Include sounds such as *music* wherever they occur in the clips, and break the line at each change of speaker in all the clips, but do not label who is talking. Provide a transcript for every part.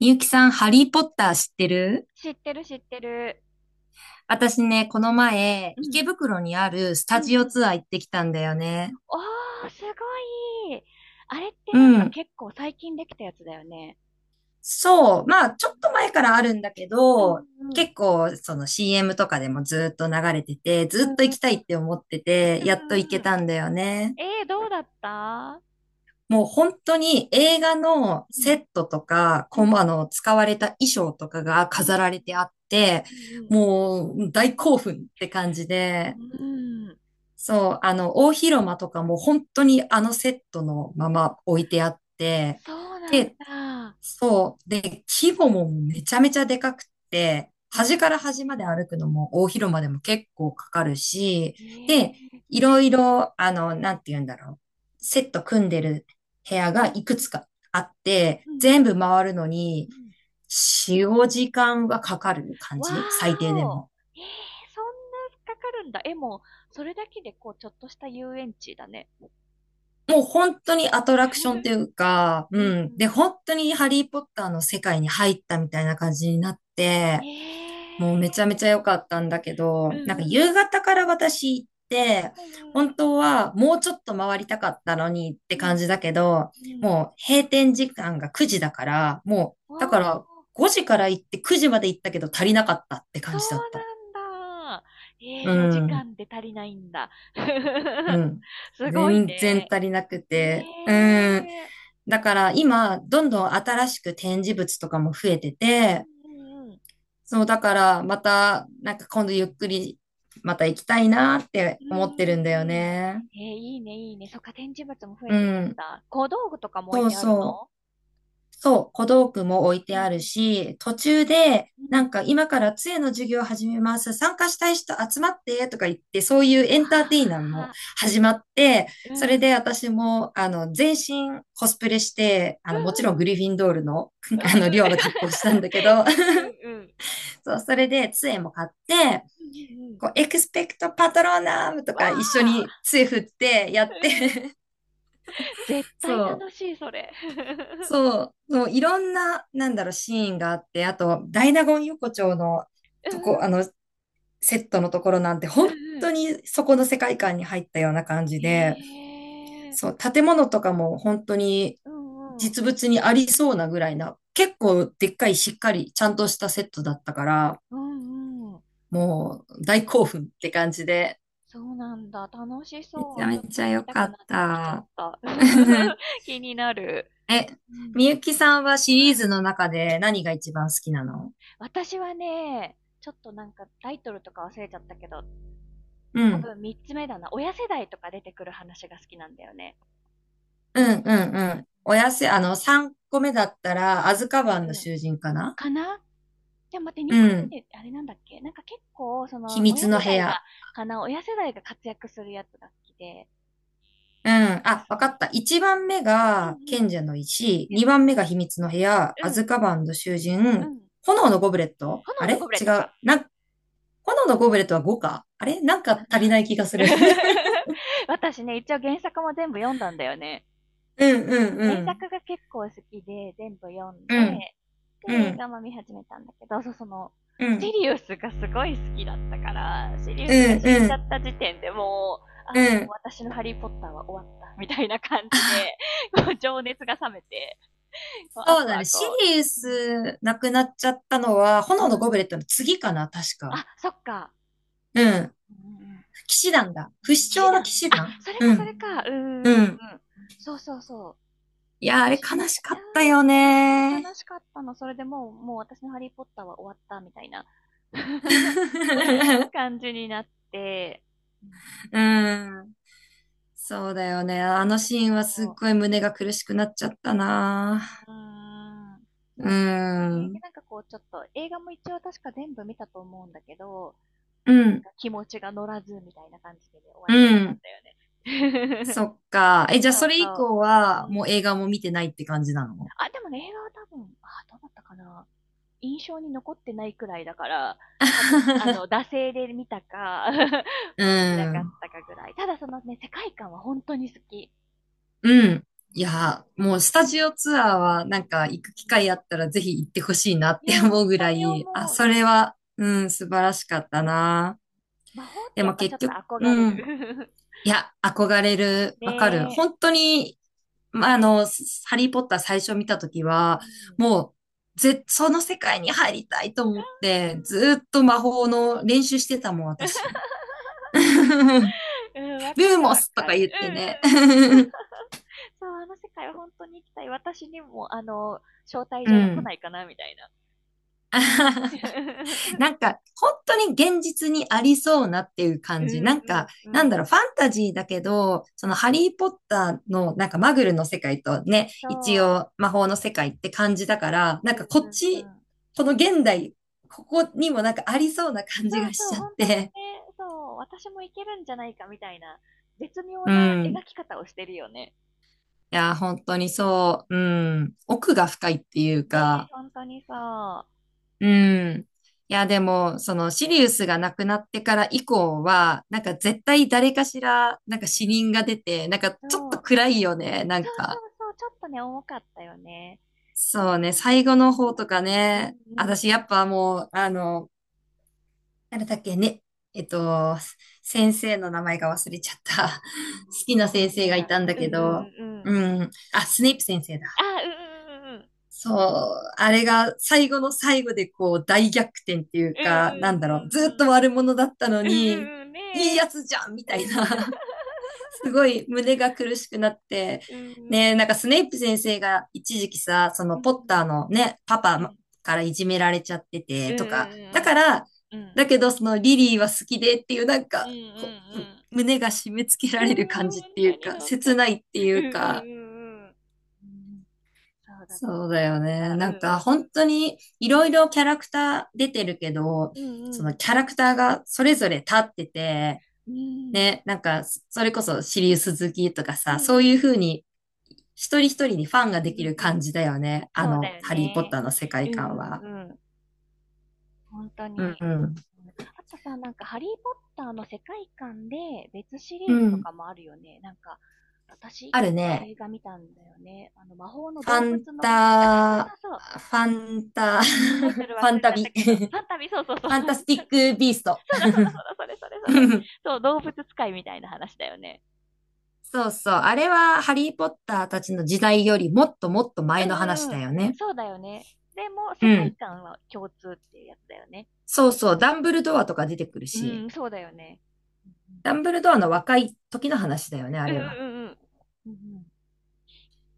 みゆきさん、ハリーポッター知ってる？
知ってる知ってる。
私ね、この前、
う
池
ん。
袋にあるス
う
タ
んう
ジオ
ん。
ツアー行ってきたんだよね。
おー、すごい。あれってなん
う
か
ん。
結構最近できたやつだよね。
そう。まあ、ちょっと前からあるんだけ
うん
ど、
うんうん。
結構、その CM とかでもずっと流れてて、ず
うん
っと
うん
行きた
う
いって思ってて、やっと行
ん
け
うん。
たんだよね。
どうだった？
もう本当に映画の
う
セ
ん
ットとか、
うん
使われた衣装とかが
うん
飾られてあって、
うんうん
もう大興奮って感じで、
うんうん。うん。
そう、大広間とかも本当にあのセットのまま置いてあって、
そうなん
で、
だ。
そう、で、規模もめちゃめちゃでかくて、
う
端
ん。
から端まで歩くのも大広間でも結構かかるし、
え
で、
ー。
いろいろ、あの、なんて言うんだろう、セット組んでる部屋
う
が
ん
いくつ
う
かあって、
んうんうん
全部回るのに
うん。
使用時間はかかる感
わ
じ、最低
ー
で
お。
も。
えー、そんなかかるんだ。え、もう、それだけでこう、ちょっとした遊園地だね。
もう本当にアトラクションと
*laughs*
いうか、
う
う
んう
ん。で、
ん
本当にハリーポッターの世界に入ったみたいな感じになって、もう
え
めち
え
ゃめちゃ良かったんだけ
ーう
ど、
ん
なんか
うん
夕
う
方から私行って、
ん。
本当はもうちょっと回りたかったのにって
うんうん
感じだけ
うん。
ど、
うんうんうん。
もう閉店時間が9時だから、もう、
お
だか
ー、
ら5時から行って9時まで行ったけど足りなかったって
そ
感
う
じだった。
なんだ。ええ
う
4時
ん、
間で足りないんだ。
う
*laughs*
ん。
すごい
全然
ね。
足りなく
ええ
て、うん。
ー
だから今、ど
う
んどん新しく展示物とかも増えてて、
んうんうん。
そう、だからまた、なんか今度ゆっくりまた行きたいなって
うん
思っ
う
てるんだよ
んうん。
ね。
ええいいね、いいね。そっか、展示物も増え
う
てるん
ん。
だ。小道具とかも置い
そう
てある
そう。
の？
そう、小道具も置いて
うんう
あるし、途中で、
ん。う
な
ん。
んか今から杖の授業を始めます。参加したい人集まってとか言って、そういうエ
わ
ンターテイナーも
あ。
始まって、
う
そ
んう
れで
ん
私も、
うん。
全身コスプレして、
うん
もちろん
うんう
グ
ん。
リフィンドールの、
う
*laughs* 寮の格好をしたんだけど、
んうんうん。うんうんうん
そう、それで杖も買って、
うんうんうん。
こう、エクスペクトパトローナームと
わ
か一
あ、
緒に杖振ってや
う
っ
ん。
て、*laughs*
絶
そ
対
う、
楽しい、それ。*laughs*
そう、いろんな、なんだろう、シーンがあって、あと、ダイナゴン横丁の
うん
とこ、
うん。
セットのところなんて、
う
本
ん
当
ん。
にそこの世界観に入ったような感じで、
へえ。
そう、建物とかも本当に
うんうん。
実物にありそうなぐらいな、結構でっかいしっかりちゃんとしたセットだったから、
うんうん。
もう大興奮って感じで、
そうなんだ。楽し
めち
そ
ゃ
う。ちょ
め
っと
ちゃ
行き
良
た
か
くな
っ
ってきちゃっ
た。
た。*laughs*
*laughs*
気になる。
え、
うん。
みゆきさんはシ
う
リーズ
ん。
の中で何が一番好きなの？
私はね、ちょっとなんかタイトルとか忘れちゃったけど、
う
多
ん。
分3つ目だな。親世代とか出てくる話が好きなんだよね。
う
ハ
ん、
リ
う
ーの。
ん、うん。おやせ、3個目だったら、アズカ
うん
バンの
うん。
囚人かな？
かな。じゃあ待って、
う
2個
ん。
目で、あれなんだっけなんか結構、
秘
親
密の
世
部
代が、
屋。
かな、親世代が活躍するやつが好きで、
うん。あ、
そ
わか
の、
った。1番目
うん
が
うん、うん、
賢者の石、2番目が秘密の部屋、
う
アズ
ん、
カバンの囚
う
人、
ん、
炎のゴブレット、あ
炎のゴ
れ
ブレッ
違
ト
う。
か。
なん、炎のゴブレットは5かあれ、なん
か
か足りな
な。
い気がする。*laughs*
*laughs* 私ね、一応原作も全部読んだんだよね。
うん、う
そ
ん、
う、
う
原
ん。
作が結構好きで、全部読ん
う
で、
ん、
で、
う
映
ん。
画も見始めたんだけど、そう、その、
う
シ
ん、
リウスがすごい好きだったから、シリウ
う
スが
ん、
死ん
う
じゃ
ん、
った時点でもう、
う
ああ、もう
ん。
私のハリーポッターは終わった、みたいな感じで、*laughs* こう、情熱が冷めて、こうあ
そう
と
だね。
は
シ
こ
リウ
う、う
スなくなっちゃったのは、
ん、
炎
う
の
ん、
ゴブレットの次かな、確
あ、
か。
そっか、
うん、
うん、
騎士団だ。不死
騎士
鳥の
団、あ、
騎士団、
それ
う
かそ
ん、
れか、うー
う
ん、
ん。
そうそうそう、
いやあ
寂
れ
しいんだっ
悲
た
し
時に、
か
あー
ったよ
みたいな、そう
ね。
悲しかったの。それでもう、もう私のハリーポッターは終わったみたいな *laughs*
*laughs*
感じになって、うん
うん。そうだよね。あのシーンはすっ
そ
ごい胸が苦しくなっちゃった
う、う
な。
ーん、そ
う
うなんだよね。で、
ん。
なんかこう、ちょっと映画も一応確か全部見たと思うんだけど、
う
なん
ん、
か気持ちが乗らずみたいな感じで、ね終わっ
う
ちゃったん
ん。
だよね。
そっか。え、じゃ
*laughs*
あ
そ
そ
う
れ以
そ
降
う。う
は、もう
ん。
映画も見てないって感じなの？
あ、でもね、映画は多分、あ、どうだったかな。印象に残ってないくらいだから、多分、
*laughs*
惰性で見たか *laughs*
う
もう見なかっ
ん。
たかぐらい。ただそのね、世界観は本当に好き。
うん。
う
い
ん
や、もうスタジオツアーはなんか行く機会あったらぜひ行ってほしいなっ
い
て
やー、
思
本
うぐ
当
ら
に思
い、あ、
う。
そ
うん
れは、うん、素晴らしかった
うん
な。
魔法っ
で
てやっ
も
ぱちょ
結
っ
局、
と憧れ
うん。
る。
いや、憧れる。
*laughs*
わかる。
ねえ。
本当に、まあ、ハリーポッター最初見たとき
う
は、
ん
もう、ぜ、その世界に入りたいと思って、ずっと魔法の練習してたもん、私。*laughs* ル
うん、*laughs* うんわか
ー
る
モ
わ
スと
か
か言
る。
っ
うんう
て
んうん。
ね。*laughs*
*laughs* そう、あの世界は本当に行きたい。私にも、招待
う
状が来な
ん。
いかな、みたいな。
*laughs* な
*laughs*
んか、本当に現実にありそうなっていう
う
感じ。なんか、
んうん
な
う
ん
ん。
だろう、ファンタジーだけど、そのハリーポッターのなんかマグルの世界とね、
そ
一
う。
応魔法の世界って感じだから、なん
うん
かこっ
うんう
ち、
ん。
この現代、ここにもなんかありそうな感
そ
じ
う
がし
そう、
ちゃっ
本当にね、
て。
そう、私もいけるんじゃないかみたいな、絶妙
う
な
ん。
描き方をしてるよね。
いや、本当にそう。うん。奥が深いっていう
ね、
か、
本当にそ
うん。いや、でも、その、シリウスが亡くなってから以降は、なんか絶
う。
対誰かしら、な
うん
ん
う
か
ん
死
うんうん。
人が出て、なんか
そ
ちょっと
う。
暗いよね、な
そ
ん
うそ
か。
うそう、ちょっとね、重かったよね。う
そ
ん
うね、最後の方とか
うん
ね、
う
私や
ん。
っぱもう、なんだっけね、えっと、先生の名前が忘れちゃった。*laughs* 好き
ど
な
う
先
先
生
生
が
だ
い
ろ
たんだ
う。うん
け
うん
ど、
うんうん。
うん、あ、スネイプ先生
あ、
だ。
うんうんうんうん。
そう、あれが最後の最後でこう大逆転っていう
うんうんう
か、な
ん
んだ
う
ろう、ずっ
ん。
と悪者だったの
うんう
に、
んうん。ね
いいや
え。
つじゃんみたいな、*laughs* すごい胸が苦しくなって、
うんうん
ね、なんかスネイプ先生が一時期さ、その
うんうん。
ポッターのね、パ
うんうんうんう
パ
ん。
からいじめられちゃって
う
て
んう
とか、だ
ん
から、
うんうん。うん。
だけどそのリリーは好きでっていうなん
う
か、
んうんう
こう
ん。
胸が締め付け
う
ら
ん
れる感
うん、
じっ
ほん
てい
と
う
に
か、
ほんと
切
に。
ないってい
うんうん
う
うんうん。
か、
うんうんに本当に
そうだよ
うんうんうんうんうんそうだったそうだっ
ね。なんか
た。
本
う
当にい
ん
ろいろキャラクター出てるけど、
うんう
そ
ん。
のキャラクターがそれぞれ立ってて、
うん。
ね、なんかそれこそシリウス好きとか
うん
さ、
うん。
そう
うん。
いう風に一人一人にフ
うんうんうんうん。うん
ァンができる
うんう
感
ん。
じだよね。
そうだよ
ハリー・ポッタ
ね。
ーの世
う
界
んうんうんう
観
ん
は。
うんうんそうだよねうんうんうんほんと
うん
に。
うん。
うん、あとさ、なんか、ハリー・ポッターの世界観で別シ
う
リーズと
ん。
かもあるよね。なんか、私一
ある
個
ね。
映画見たんだよね。あの、魔法の
ファ
動
ン
物の話。あ、そう
タ、
そうそう。
ファンタ、*laughs*
タイト
フ
ル忘れ
ァ
ちゃ
ンタ
った
ビ、*laughs*
けど、
フ
サンタビ、そうそうそう。*laughs* そうだ
ァン
そう
タスティック・ビースト。
だそうだ、それそれそれ。
*laughs*
そう、動物使いみたいな話だよね。
そうそう。あれはハリーポッターたちの時代よりもっともっと
う
前の話
んう
だ
ん。
よね。
そうだよね。でも、
う
世界
ん。
観は共通っていうやつだよね。
そうそう。ダンブルドアとか出てくる
う
し、
ん、そうだよね。う
ダンブルドアの若い時の話だよね、あれ
ん
は。
うんうん。うん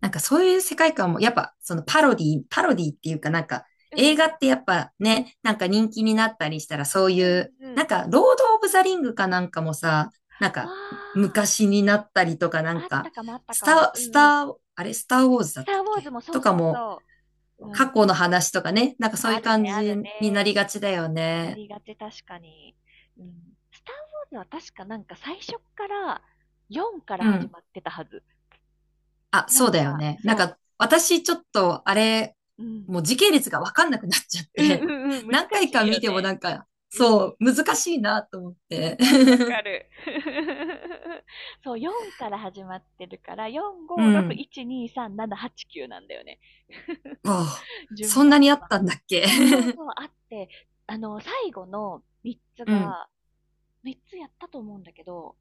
なんかそういう世界観も、やっぱそのパロディ、パロディっていうかなんか
うんう
映画
ん
ってやっぱ
うんうん
ね、なんか人気になったりしたらそう
う
いう、
んう
なん
ん。
かロード・オブ・ザ・リングかなんかもさ、なんか
あ
昔になったりとかな
あ、
ん
あった
か、
かもあった
ス
か
タ
も。
ー、
う
スタ
んうん。
ー、あれ、スター・ウォーズだ
ス
っ
タ
た
ー・
っ
ウォー
け
ズもそ
と
う
か
そう
も、
そう。う
過
ん。
去の話とかね、なんかそうい
あ
う
る
感
ね、あ
じ
る
に
ね。
なりがちだよ
な
ね。
りがち、確かに。うん。スター・ウォーズは確かなんか最初から4から
う
始
ん。
まってたはず。
あ、
なん
そう
か、
だよね。なん
そ
か私ちょっとあれ、
う。うん。
もう時系列がわかんなくなっちゃっ
うんうん
て、
うん、
*laughs*
難し
何回か
いよ
見ても
ね。
なんか、
うんう
そ
ん。
う、難しいなと思っ
わ
て。
かるわかる。*laughs* そう、4から始まってるから、4、
*laughs* う
5、6、
ん。
1、2、3、7、8、9なんだよね。
*laughs* わ
*laughs*
あ、
順
そんな
番
にあっ
は。
たんだっけ？
そうそうそう、あって、最後の3つ
*laughs* うん。
が、3つやったと思うんだけど、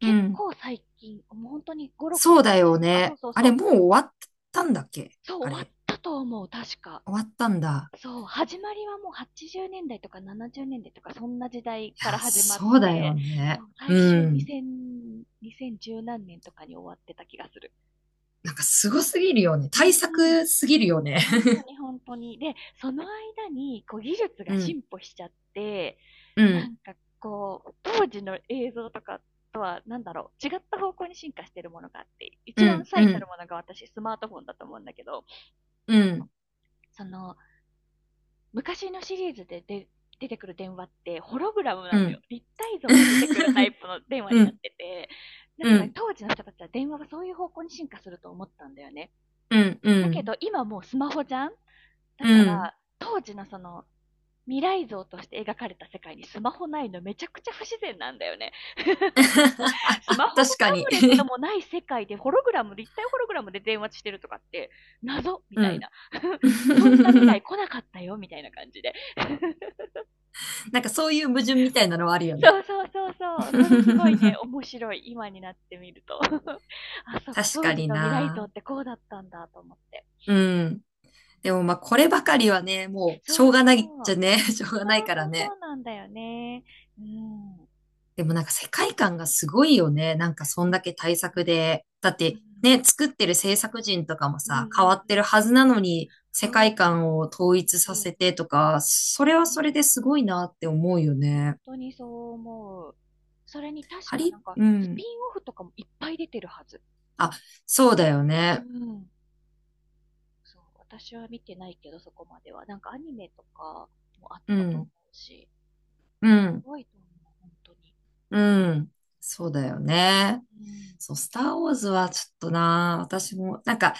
う
結
ん。
構最近、もう本当に5、6
そう
年
だ
前
よ
とか、そう
ね。
そう
あ
そ
れ、
う、
もう終わったんだっけ、
そう
あ
終わっ
れ。
たと思う、確か。
終わったんだ。
そう、始まりはもう80年代とか70年代とか、そんな時代
い
から
や、
始まっ
そうだ
て、
よ
そ
ね。
う、最終
うん。
2000、2010何年とかに終わってた気がする。
なんかすごすぎるよね。
う
対
ん。
策すぎるよね。
ほんとにほんとに。で、その間に、こう、技術
う
が
ん、
進歩しちゃって、
う
な
ん、
んかこう、当時の映像とかとは、なんだろう、違った方向に進化してるものがあって、
う
一番
ん、う
最たる
ん、
ものが私、スマートフォンだと思うんだけど、
う
あの、
ん、
その、昔のシリーズで出てくる電話って、ホログラム
う
なのよ。
ん。
立体像が出てくるタイ
*laughs*
プの電話
う
になっ
ん、
てて、だ
う
から
ん、
当時の人たちは電話はそういう方向に進化すると思ったんだよね。
うん、う
だけ
ん、
ど、今もうスマホじゃんだ
う
か
ん。
ら、当時の未来像として描かれた世界にスマホないのめちゃくちゃ不自然なんだよね。*laughs* ス
*laughs*
マホも
確
タ
かに。
ブレットもない世界でホログラム、立体ホログラムで電話してるとかって、謎
*laughs*
み
う
たい
ん。
な。*laughs* そんな未来
*laughs*
来なかったよみたいな感じで。*laughs*
なんかそういう矛盾みたいなのはあるよね。
そうそうそうそう。それすごいね、
*laughs*
面白い。今になってみると。*laughs* あ、そうか。
確
当
か
時
に
の未来像
な。
ってこうだったんだと思って。
うん。でもまあこればかりはね、もうし
そ
ょ
う
うがないっ
そ
ち
う。
ゃね、*laughs* しょうが
そ
ないから
う、そ
ね。
うなんだよね。うん。うん
でもなんか世界観がすごいよね。なんかそ
う
ん
ん
だけ対
う
策
ん
で。だっ
う
て
ん、
ね、作ってる制作人とかも
うんう
さ、変わ
ん
って
う
る
ん。
はずなのに、世
そう。
界観を統一
うん
さ
うんうん。
せてとか、それはそれ
ね、
ですごいなって思うよ
本
ね。
当にそう思う。それに確
ハ
かな
リ、
んか、
う
ス
ん。
ピンオフとかもいっぱい出てるはず。
あ、そうだよ
う
ね。
ん。そう、私は見てないけど、そこまでは。なんかアニメとかもあっ
う
たと思
ん、
うし、
う
す
ん、
ごいと思う、本当に。
うん。そうだよね。
うん。
そう、スターウォーズはちょっとな、私も、なんか、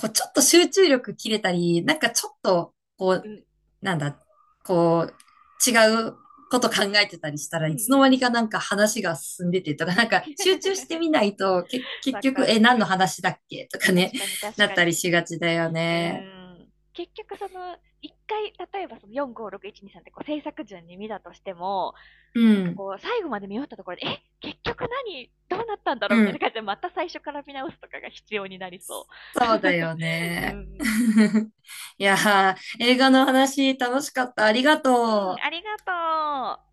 こう、ちょっと集中力切れたり、なんかちょっと、こ
う
う、
ん、
なんだ、こう、違うこと考えてたりしたら
うん、
い
うん、*laughs* う
つの間に
ん。
かなんか話が進んでてとか、なんか集中して
*laughs*
みないと、け、結
わか
局、え、
る。
何
う
の
んうん。
話だっけとかね、
確かに、確
なっ
か
たり
に。
しがちだよ
う
ね。
ん。結局、一回、例えばその4、5、6、1、2、3ってこう制作順に見たとしても、
う
なんか
ん、
こう、最後まで見終わったところで、え結局何どうなったんだろう
う
みたいな
ん、
感じで、また最初から見直すとかが必要になりそ
そうだよ
う。*laughs* う
ね。
ん。
*laughs* いやー、映画の話楽しかった。ありが
うん、
と
あ
う。
りがとう。